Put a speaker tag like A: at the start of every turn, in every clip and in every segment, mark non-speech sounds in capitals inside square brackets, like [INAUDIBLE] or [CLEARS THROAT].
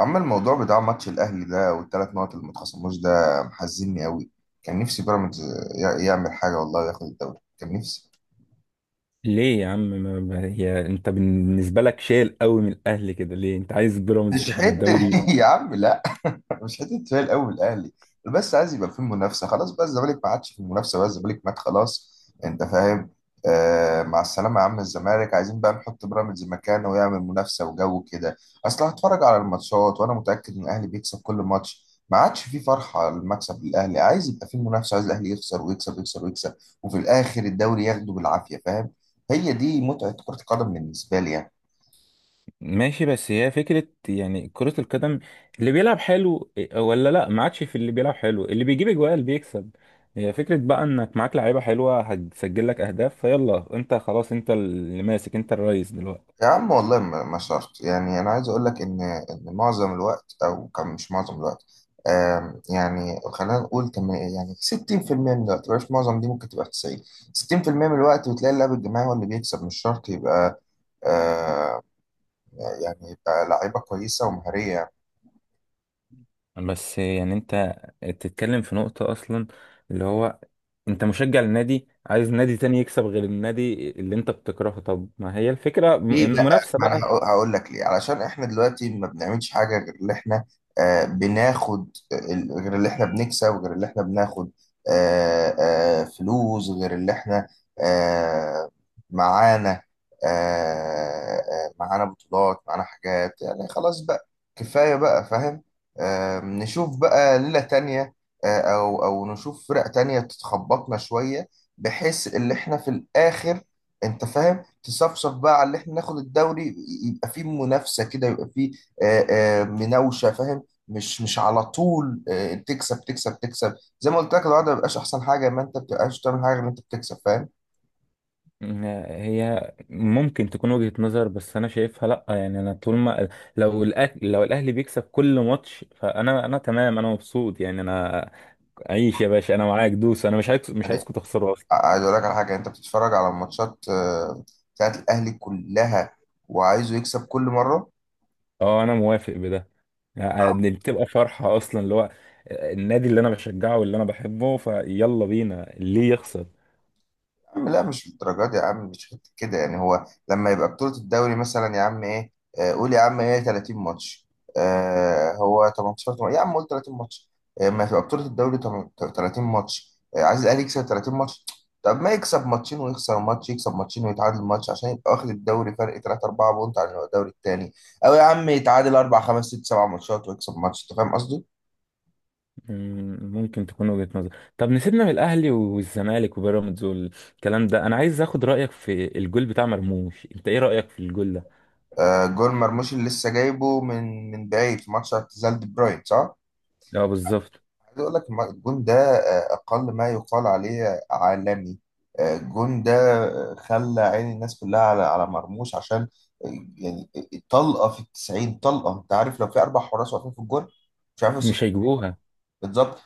A: أما الموضوع بتاع ماتش الأهلي ده والتلات نقط اللي ما اتخصموش ده محزنني أوي. كان نفسي بيراميدز يعمل حاجة والله وياخد الدوري، كان نفسي.
B: ليه يا عم، هي انت بالنسبه لك شايل قوي من الاهلي كده؟ ليه انت عايز بيراميدز
A: مش
B: تاخد
A: حتة [LAUGHS]
B: الدوري؟
A: يا عم لا، [LAUGHS] مش حته فارق قوي الاهلي، بس عايز يبقى في منافسه. خلاص بقى الزمالك ما عادش في المنافسه، بقى الزمالك مات خلاص، انت فاهم. آه مع السلامه يا عم الزمالك، عايزين بقى نحط بيراميدز مكانه ويعمل منافسه وجو كده. اصل هتفرج على الماتشات وانا متاكد ان الاهلي بيكسب كل ماتش، ما عادش في فرحه على المكسب للاهلي، عايز يبقى في منافسه، عايز الاهلي يخسر ويكسب ويكسب ويكسب، وفي الاخر الدوري ياخده بالعافيه، فاهم. هي دي متعه كره القدم بالنسبه لي يعني.
B: ماشي، بس هي فكره يعني كره القدم، اللي بيلعب حلو إيه، ولا لا، ما عادش في اللي بيلعب حلو، اللي بيجيب اجوال اللي بيكسب؟ هي فكره بقى، انك معاك لعيبه حلوه هتسجل لك اهداف، فيلا انت خلاص، انت اللي ماسك، انت الرئيس دلوقتي.
A: يا عم والله ما شرط يعني، انا عايز اقول لك ان ان معظم الوقت او كم، مش معظم الوقت، يعني خلينا نقول كم، يعني 60% من الوقت، مش معظم، دي ممكن تبقى 90. 60% من الوقت بتلاقي اللعب الجماعي هو اللي بيكسب، مش شرط يبقى آه، يعني يبقى لعيبه كويسه ومهاريه.
B: بس يعني انت تتكلم في نقطه اصلا، اللي هو انت مشجع للنادي عايز نادي تاني يكسب غير النادي اللي انت بتكرهه. طب ما هي الفكرة
A: ليه بقى؟
B: منافسة
A: ما انا
B: بقى؟
A: هقول لك ليه، علشان احنا دلوقتي ما بنعملش حاجه غير اللي احنا بناخد، غير اللي احنا بنكسب، غير اللي احنا بناخد، فلوس، غير اللي احنا آه معانا، آه معانا بطولات، معانا حاجات، يعني خلاص بقى، كفايه بقى، فاهم. نشوف بقى ليله تانية، او نشوف فرق تانية تتخبطنا شويه، بحيث اللي احنا في الاخر، انت فاهم، تصفصف بقى على اللي احنا ناخد الدوري، يبقى فيه منافسه كده، يبقى فيه آه، مناوشه، فاهم، مش على طول تكسب تكسب تكسب. زي ما قلت لك الوضع ما بيبقاش احسن حاجه، ما انت ما بتبقاش تعمل حاجه غير ان انت بتكسب، فاهم.
B: م- هي ممكن تكون وجهة نظر، بس انا شايفها لا، يعني انا طول ما لو الاهلي، لو الاهلي بيكسب كل ماتش، فانا تمام، انا مبسوط يعني. انا عيش يا باشا، انا معاك دوس، انا مش
A: يعني
B: عايزكم تخسروا اصلا.
A: عايز اقول لك على حاجه، انت بتتفرج على الماتشات بتاعت الاهلي كلها وعايزه يكسب كل مره.
B: اه، انا موافق بده، يعني بتبقى فرحة اصلا، اللي هو النادي اللي انا بشجعه واللي انا بحبه، فيلا بينا ليه يخسر؟
A: عم لا مش بالدرجات يا عم، مش حتة كده يعني، هو لما يبقى بطولة الدوري مثلا يا عم ايه، قول يا عم ايه 30 ماتش، آه هو 18 يا عم قول 30 ماتش، ما تبقى بطولة الدوري 30 ماتش، عايز الاهلي يكسب 30 ماتش. طب ما يكسب ماتشين ويخسر ماتش، يكسب ماتشين ويتعادل ماتش، عشان يبقى واخد الدوري فرق 3 4 بونت عن الدوري التاني، او يا عم يتعادل 4 5 6 7 ماتشات ويكسب ماتش، انت فاهم قصدي؟
B: ممكن تكون وجهة نظر. طب نسيبنا من الاهلي والزمالك وبيراميدز والكلام ده، انا عايز اخد رايك في الجول بتاع مرموش، انت ايه رايك في الجول ده؟
A: آه جول مرموش اللي لسه جايبه من بعيد في ماتش اعتزال دي بروين، صح؟
B: لا، بالظبط.
A: عايز اقول لك الجون ده اقل ما يقال عليه عالمي. الجون ده خلى عين الناس كلها على مرموش، عشان آه، يعني طلقه في التسعين، طلقه، انت عارف لو في اربع حراس واقفين في الجون مش عارف
B: مش هيجيبوها،
A: بالظبط.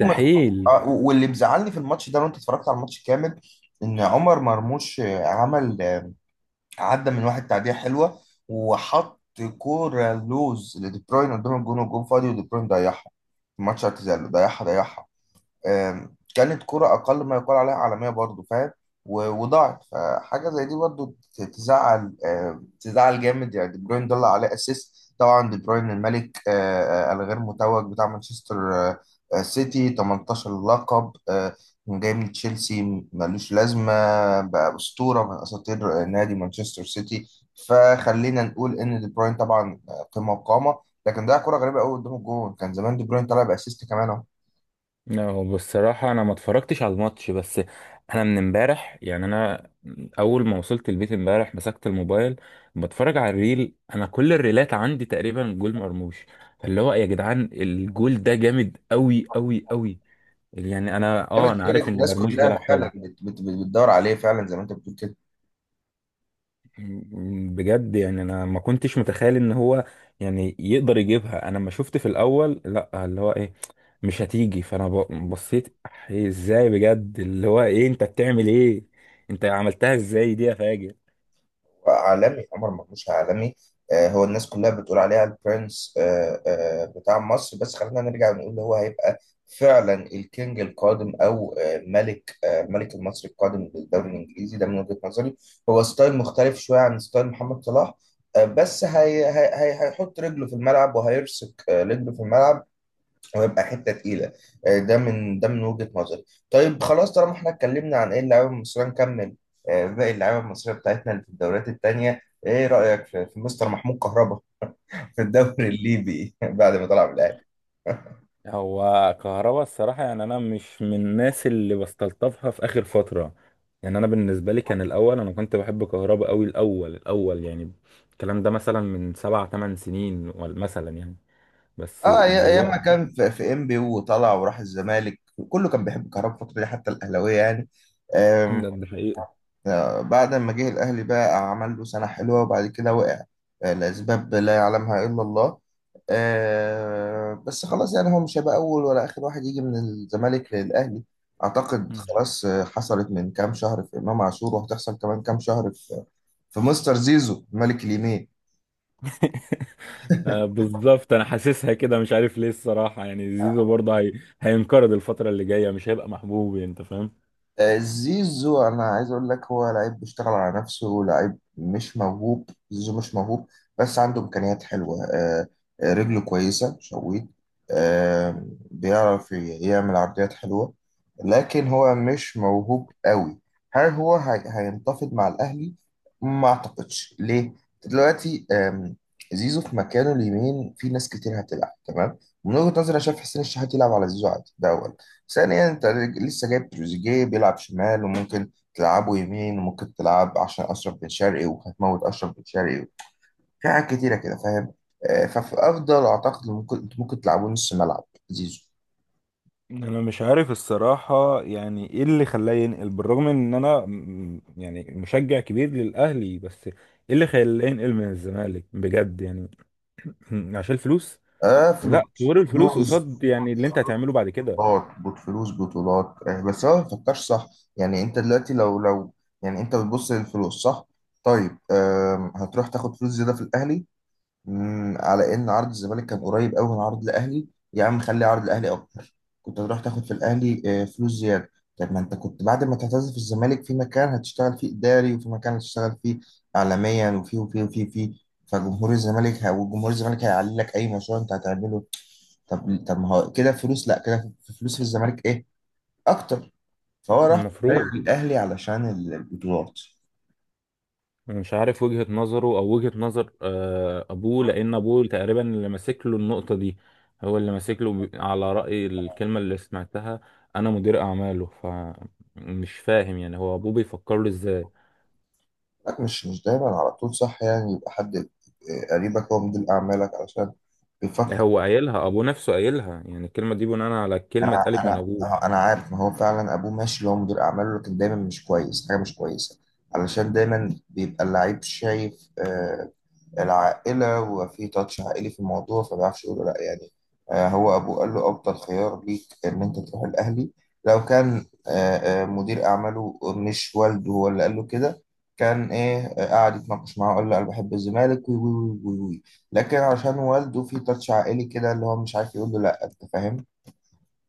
A: عمر- واللي مزعلني في الماتش ده، وانت اتفرجت على الماتش كامل، ان عمر مرموش عمل عدى من واحد تعديه حلوه وحط كوره لوز لدي بروين قدام الجون والجون فاضي، ودي بروين ضيعها في ماتش اعتزال، ضيعها ضيعها. كانت كرة أقل ما يقال عليها عالمية برضو، فاهم. وضاعت، فحاجة زي دي برضو تزعل، تزعل جامد يعني. دي بروين ضل عليه أسيست، طبعا دي بروين الملك الغير متوج بتاع مانشستر سيتي، 18 لقب، جاي من تشيلسي ملوش لازمة، بقى أسطورة من أساطير نادي مانشستر سيتي. فخلينا نقول إن دي بروين طبعا قمة وقامة، لكن ده كرة غريبة قوي قدام الجون، كان زمان دي بروين طلع بأسيست كمان.
B: لا، هو بصراحه انا ما اتفرجتش على الماتش، بس انا من امبارح، يعني انا اول ما وصلت البيت امبارح مسكت الموبايل، بتفرج على الريل، انا كل الريلات عندي تقريبا جول مرموش. فاللي هو يا جدعان، الجول ده جامد قوي قوي قوي. يعني انا
A: جامد
B: اه انا عارف
A: لدرجه
B: ان
A: الناس
B: مرموش
A: كلها
B: بيلعب
A: فعلا
B: حلو.
A: بتدور عليه فعلا زي ما انت بتقول كده.
B: بجد يعني انا ما كنتش متخيل ان هو يعني يقدر يجيبها. انا لما شفت في الاول، لا، اللي هو ايه، مش هتيجي، فانا بصيت. إيه؟ ازاي بجد؟ اللي هو ايه، انت بتعمل ايه، انت عملتها ازاي دي يا فاجر؟
A: عالمي، عمر مرموش عالمي. هو الناس كلها بتقول عليه البرنس بتاع مصر، بس خلينا نرجع ونقول هو هيبقى فعلا الكينج القادم، او ملك ملك المصري القادم للدوري الانجليزي ده من وجهة نظري. هو ستايل مختلف شويه عن ستايل محمد صلاح، بس هي هيحط رجله في الملعب وهيرسك رجله في الملعب. هو يبقى حته تقيله ده من وجهه نظري. طيب خلاص طالما احنا اتكلمنا عن ايه اللعيبه المصريه، نكمل باقي اللعيبه المصريه بتاعتنا اللي في الدوريات التانيه. ايه رايك في, مستر محمود كهربا في الدوري الليبي [LAUGHS] بعد ما طلع من الاهلي؟
B: هو كهربا الصراحة، يعني أنا مش من الناس اللي بستلطفها في آخر فترة. يعني أنا بالنسبة لي كان الأول، أنا كنت بحب كهربا أوي الأول الأول يعني. الكلام ده مثلا من 7 8 سنين، مثلا يعني. بس
A: اه ايام ما
B: دلوقتي،
A: كان في, في ام بي وطلع وراح الزمالك، كله كان بيحب كهربا الفتره دي حتى الاهلاويه يعني.
B: ده حقيقي.
A: بعد ما جه الأهلي بقى عمل له سنة حلوة وبعد كده وقع لأسباب لا يعلمها إلا الله. بس خلاص يعني هو مش هيبقى أول ولا آخر واحد يجي من الزمالك للأهلي. أعتقد
B: مم.
A: خلاص حصلت من كام شهر في إمام عاشور، وهتحصل كمان كام شهر في في مستر زيزو ملك اليمين.
B: [LAUGHS] آه، بالظبط، انا حاسسها كده، مش عارف ليه الصراحه. يعني زيزو برضه هي هينقرض الفتره اللي جايه، مش هيبقى محبوب، انت فاهم.
A: زيزو انا عايز اقول لك هو لعيب بيشتغل على نفسه، لعيب مش موهوب، زيزو مش موهوب، بس عنده امكانيات حلوه رجله كويسه شويت، آه، بيعرف يعمل عرضيات حلوه، لكن هو مش موهوب قوي. هل هو هينتفض مع الاهلي؟ ما اعتقدش، ليه؟ دلوقتي زيزو في مكانه اليمين في ناس كتير هتلعب تمام. من وجهة نظري، انا شايف حسين الشحات يلعب على زيزو عادي، ده أولا. ثانيا، انت لسه جايب تروزيجيه بيلعب شمال، وممكن تلعبه يمين، وممكن تلعب عشان اشرف بن شرقي وهتموت اشرف بن شرقي، في حاجات كتيره كده فاهم. ففي افضل اعتقد إن ممكن انتوا ممكن تلعبوا نص ملعب زيزو.
B: مم. انا مش عارف الصراحه، يعني ايه اللي خلاه ينقل؟ بالرغم ان انا يعني مشجع كبير للاهلي، بس ايه اللي خلاه ينقل من الزمالك، بجد يعني؟ [CLEARS THROAT] عشان الفلوس؟
A: اه
B: لا،
A: فلوس،
B: طول الفلوس قصاد، يعني اللي انت هتعمله بعد كده.
A: فلوس بطولات بس هو ما بيفكرش صح. يعني انت دلوقتي لو يعني انت بتبص للفلوس، صح؟ طيب هتروح تاخد فلوس زياده في الاهلي، مم، على ان عرض الزمالك كان قريب قوي من عرض الاهلي. يا عم خلي عرض الاهلي اكتر، كنت هتروح تاخد في الاهلي فلوس زياده. طب ما انت كنت بعد ما تعتزل في الزمالك، في مكان هتشتغل فيه اداري، وفي مكان هتشتغل فيه اعلاميا، وفي. فجمهور الزمالك وجمهور الزمالك هيعلي لك اي مشروع انت هتعمله. طب ما هو كده فلوس، لا كده في فلوس في الزمالك ايه اكتر، فهو راح صح غير
B: المفروض.
A: الاهلي علشان البطولات.
B: مش عارف وجهة نظره، او وجهة نظر ابوه، لان ابوه تقريبا اللي ماسك له النقطة دي. هو اللي ماسك له، على رأي الكلمة اللي سمعتها، انا مدير اعماله. فمش فاهم يعني هو ابوه بيفكر له ازاي.
A: لا مش دايما على طول صح يعني، يبقى حد قريبك هو مدير أعمالك علشان بيفكر.
B: هو قايلها، ابوه نفسه قايلها يعني، الكلمة دي بناء على الكلمة
A: أنا
B: اتقالت من
A: أنا
B: ابوه.
A: ما هو- أنا عارف ما هو فعلا أبوه ماشي اللي هو مدير أعماله، لكن دايما مش كويس، حاجة مش كويسة، علشان دايما بيبقى اللعيب شايف العائلة، وفي تاتش عائلي في الموضوع، فما بيعرفش يقول له لأ يعني. هو أبوه قال له أفضل خيار ليك إن أنت تروح الأهلي. لو كان مدير أعماله مش والده هو اللي قال له كده، كان إيه قعد يتناقش معاه وقال له أنا بحب الزمالك وي وي وي وي وي. لكن عشان والده في تاتش عائلي كده، اللي هو مش عارف يقول له لأ، أنت فاهم.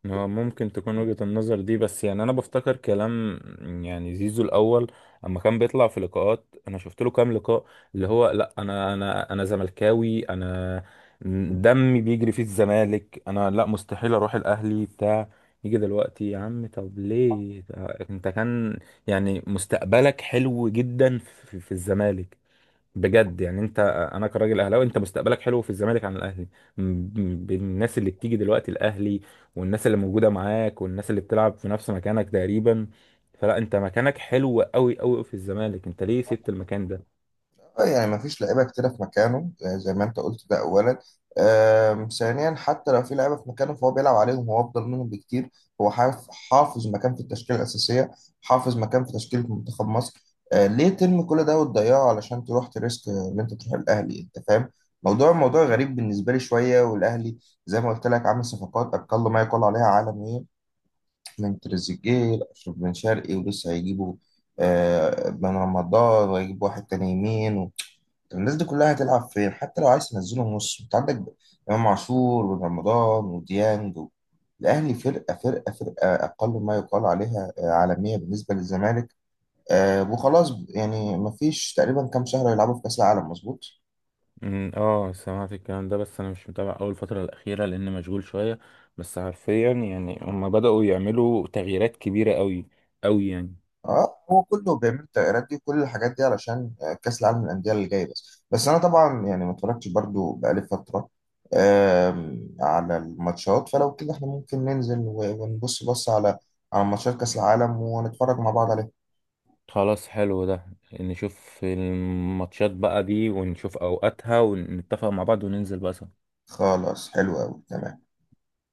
B: هو ممكن تكون وجهة النظر دي، بس يعني انا بفتكر كلام، يعني زيزو الاول اما كان بيطلع في لقاءات، انا شفت له كام لقاء اللي هو، لا، انا زملكاوي، انا دمي بيجري في الزمالك، انا لا، مستحيل اروح الاهلي بتاع. يجي دلوقتي يا عم، طب ليه ده؟ انت كان يعني مستقبلك حلو جدا في الزمالك، بجد يعني. انت، انا كراجل اهلاوي، انت مستقبلك حلو في الزمالك عن الاهلي، بالناس اللي بتيجي دلوقتي الاهلي، والناس اللي موجوده معاك، والناس اللي بتلعب في نفس مكانك تقريبا. فلا، انت مكانك حلو قوي قوي في الزمالك، انت ليه سبت المكان ده؟
A: اه يعني ما فيش لعيبه كتيره في مكانه زي ما انت قلت ده اولا. ثانيا حتى لو في لعيبه في مكانه، فهو بيلعب عليهم، هو افضل منهم بكتير. هو حافظ مكان في التشكيله الاساسيه، حافظ مكان في تشكيله منتخب مصر، ليه ترمي كل ده وتضيعه علشان تروح تريسك ان انت تروح الاهلي، انت فاهم. موضوع غريب بالنسبه لي شويه، والاهلي زي ما قلت لك عامل صفقات اقل ما يقال عليها عالميه، من تريزيجيه لاشرف بن شرقي ولسه هيجيبوا بن رمضان، وهيجيب واحد تاني يمين. طب الناس دي كلها هتلعب فين؟ حتى لو عايز تنزلهم نص، انت عندك امام عاشور وبن رمضان وديانج و... الاهلي فرقه اقل ما يقال عليها عالميه بالنسبه للزمالك، وخلاص يعني مفيش تقريبا كام شهر يلعبوا في كاس العالم، مظبوط.
B: اه، سمعت الكلام ده، بس انا مش متابع اول فتره الاخيره لان مشغول شويه. بس حرفيا يعني هم بداوا يعملوا تغييرات كبيره قوي قوي يعني.
A: اه هو كله بيعمل التغييرات دي وكل الحاجات دي علشان كأس العالم للأندية اللي جاي، بس انا طبعا يعني ما اتفرجتش برضو بقالي فترة على الماتشات، فلو كده احنا ممكن ننزل ونبص على على ماتشات كأس العالم ونتفرج مع بعض عليها.
B: خلاص، حلو ده. نشوف الماتشات بقى دي، ونشوف اوقاتها، ونتفق مع بعض، وننزل بقى سوا.
A: خلاص حلو قوي تمام.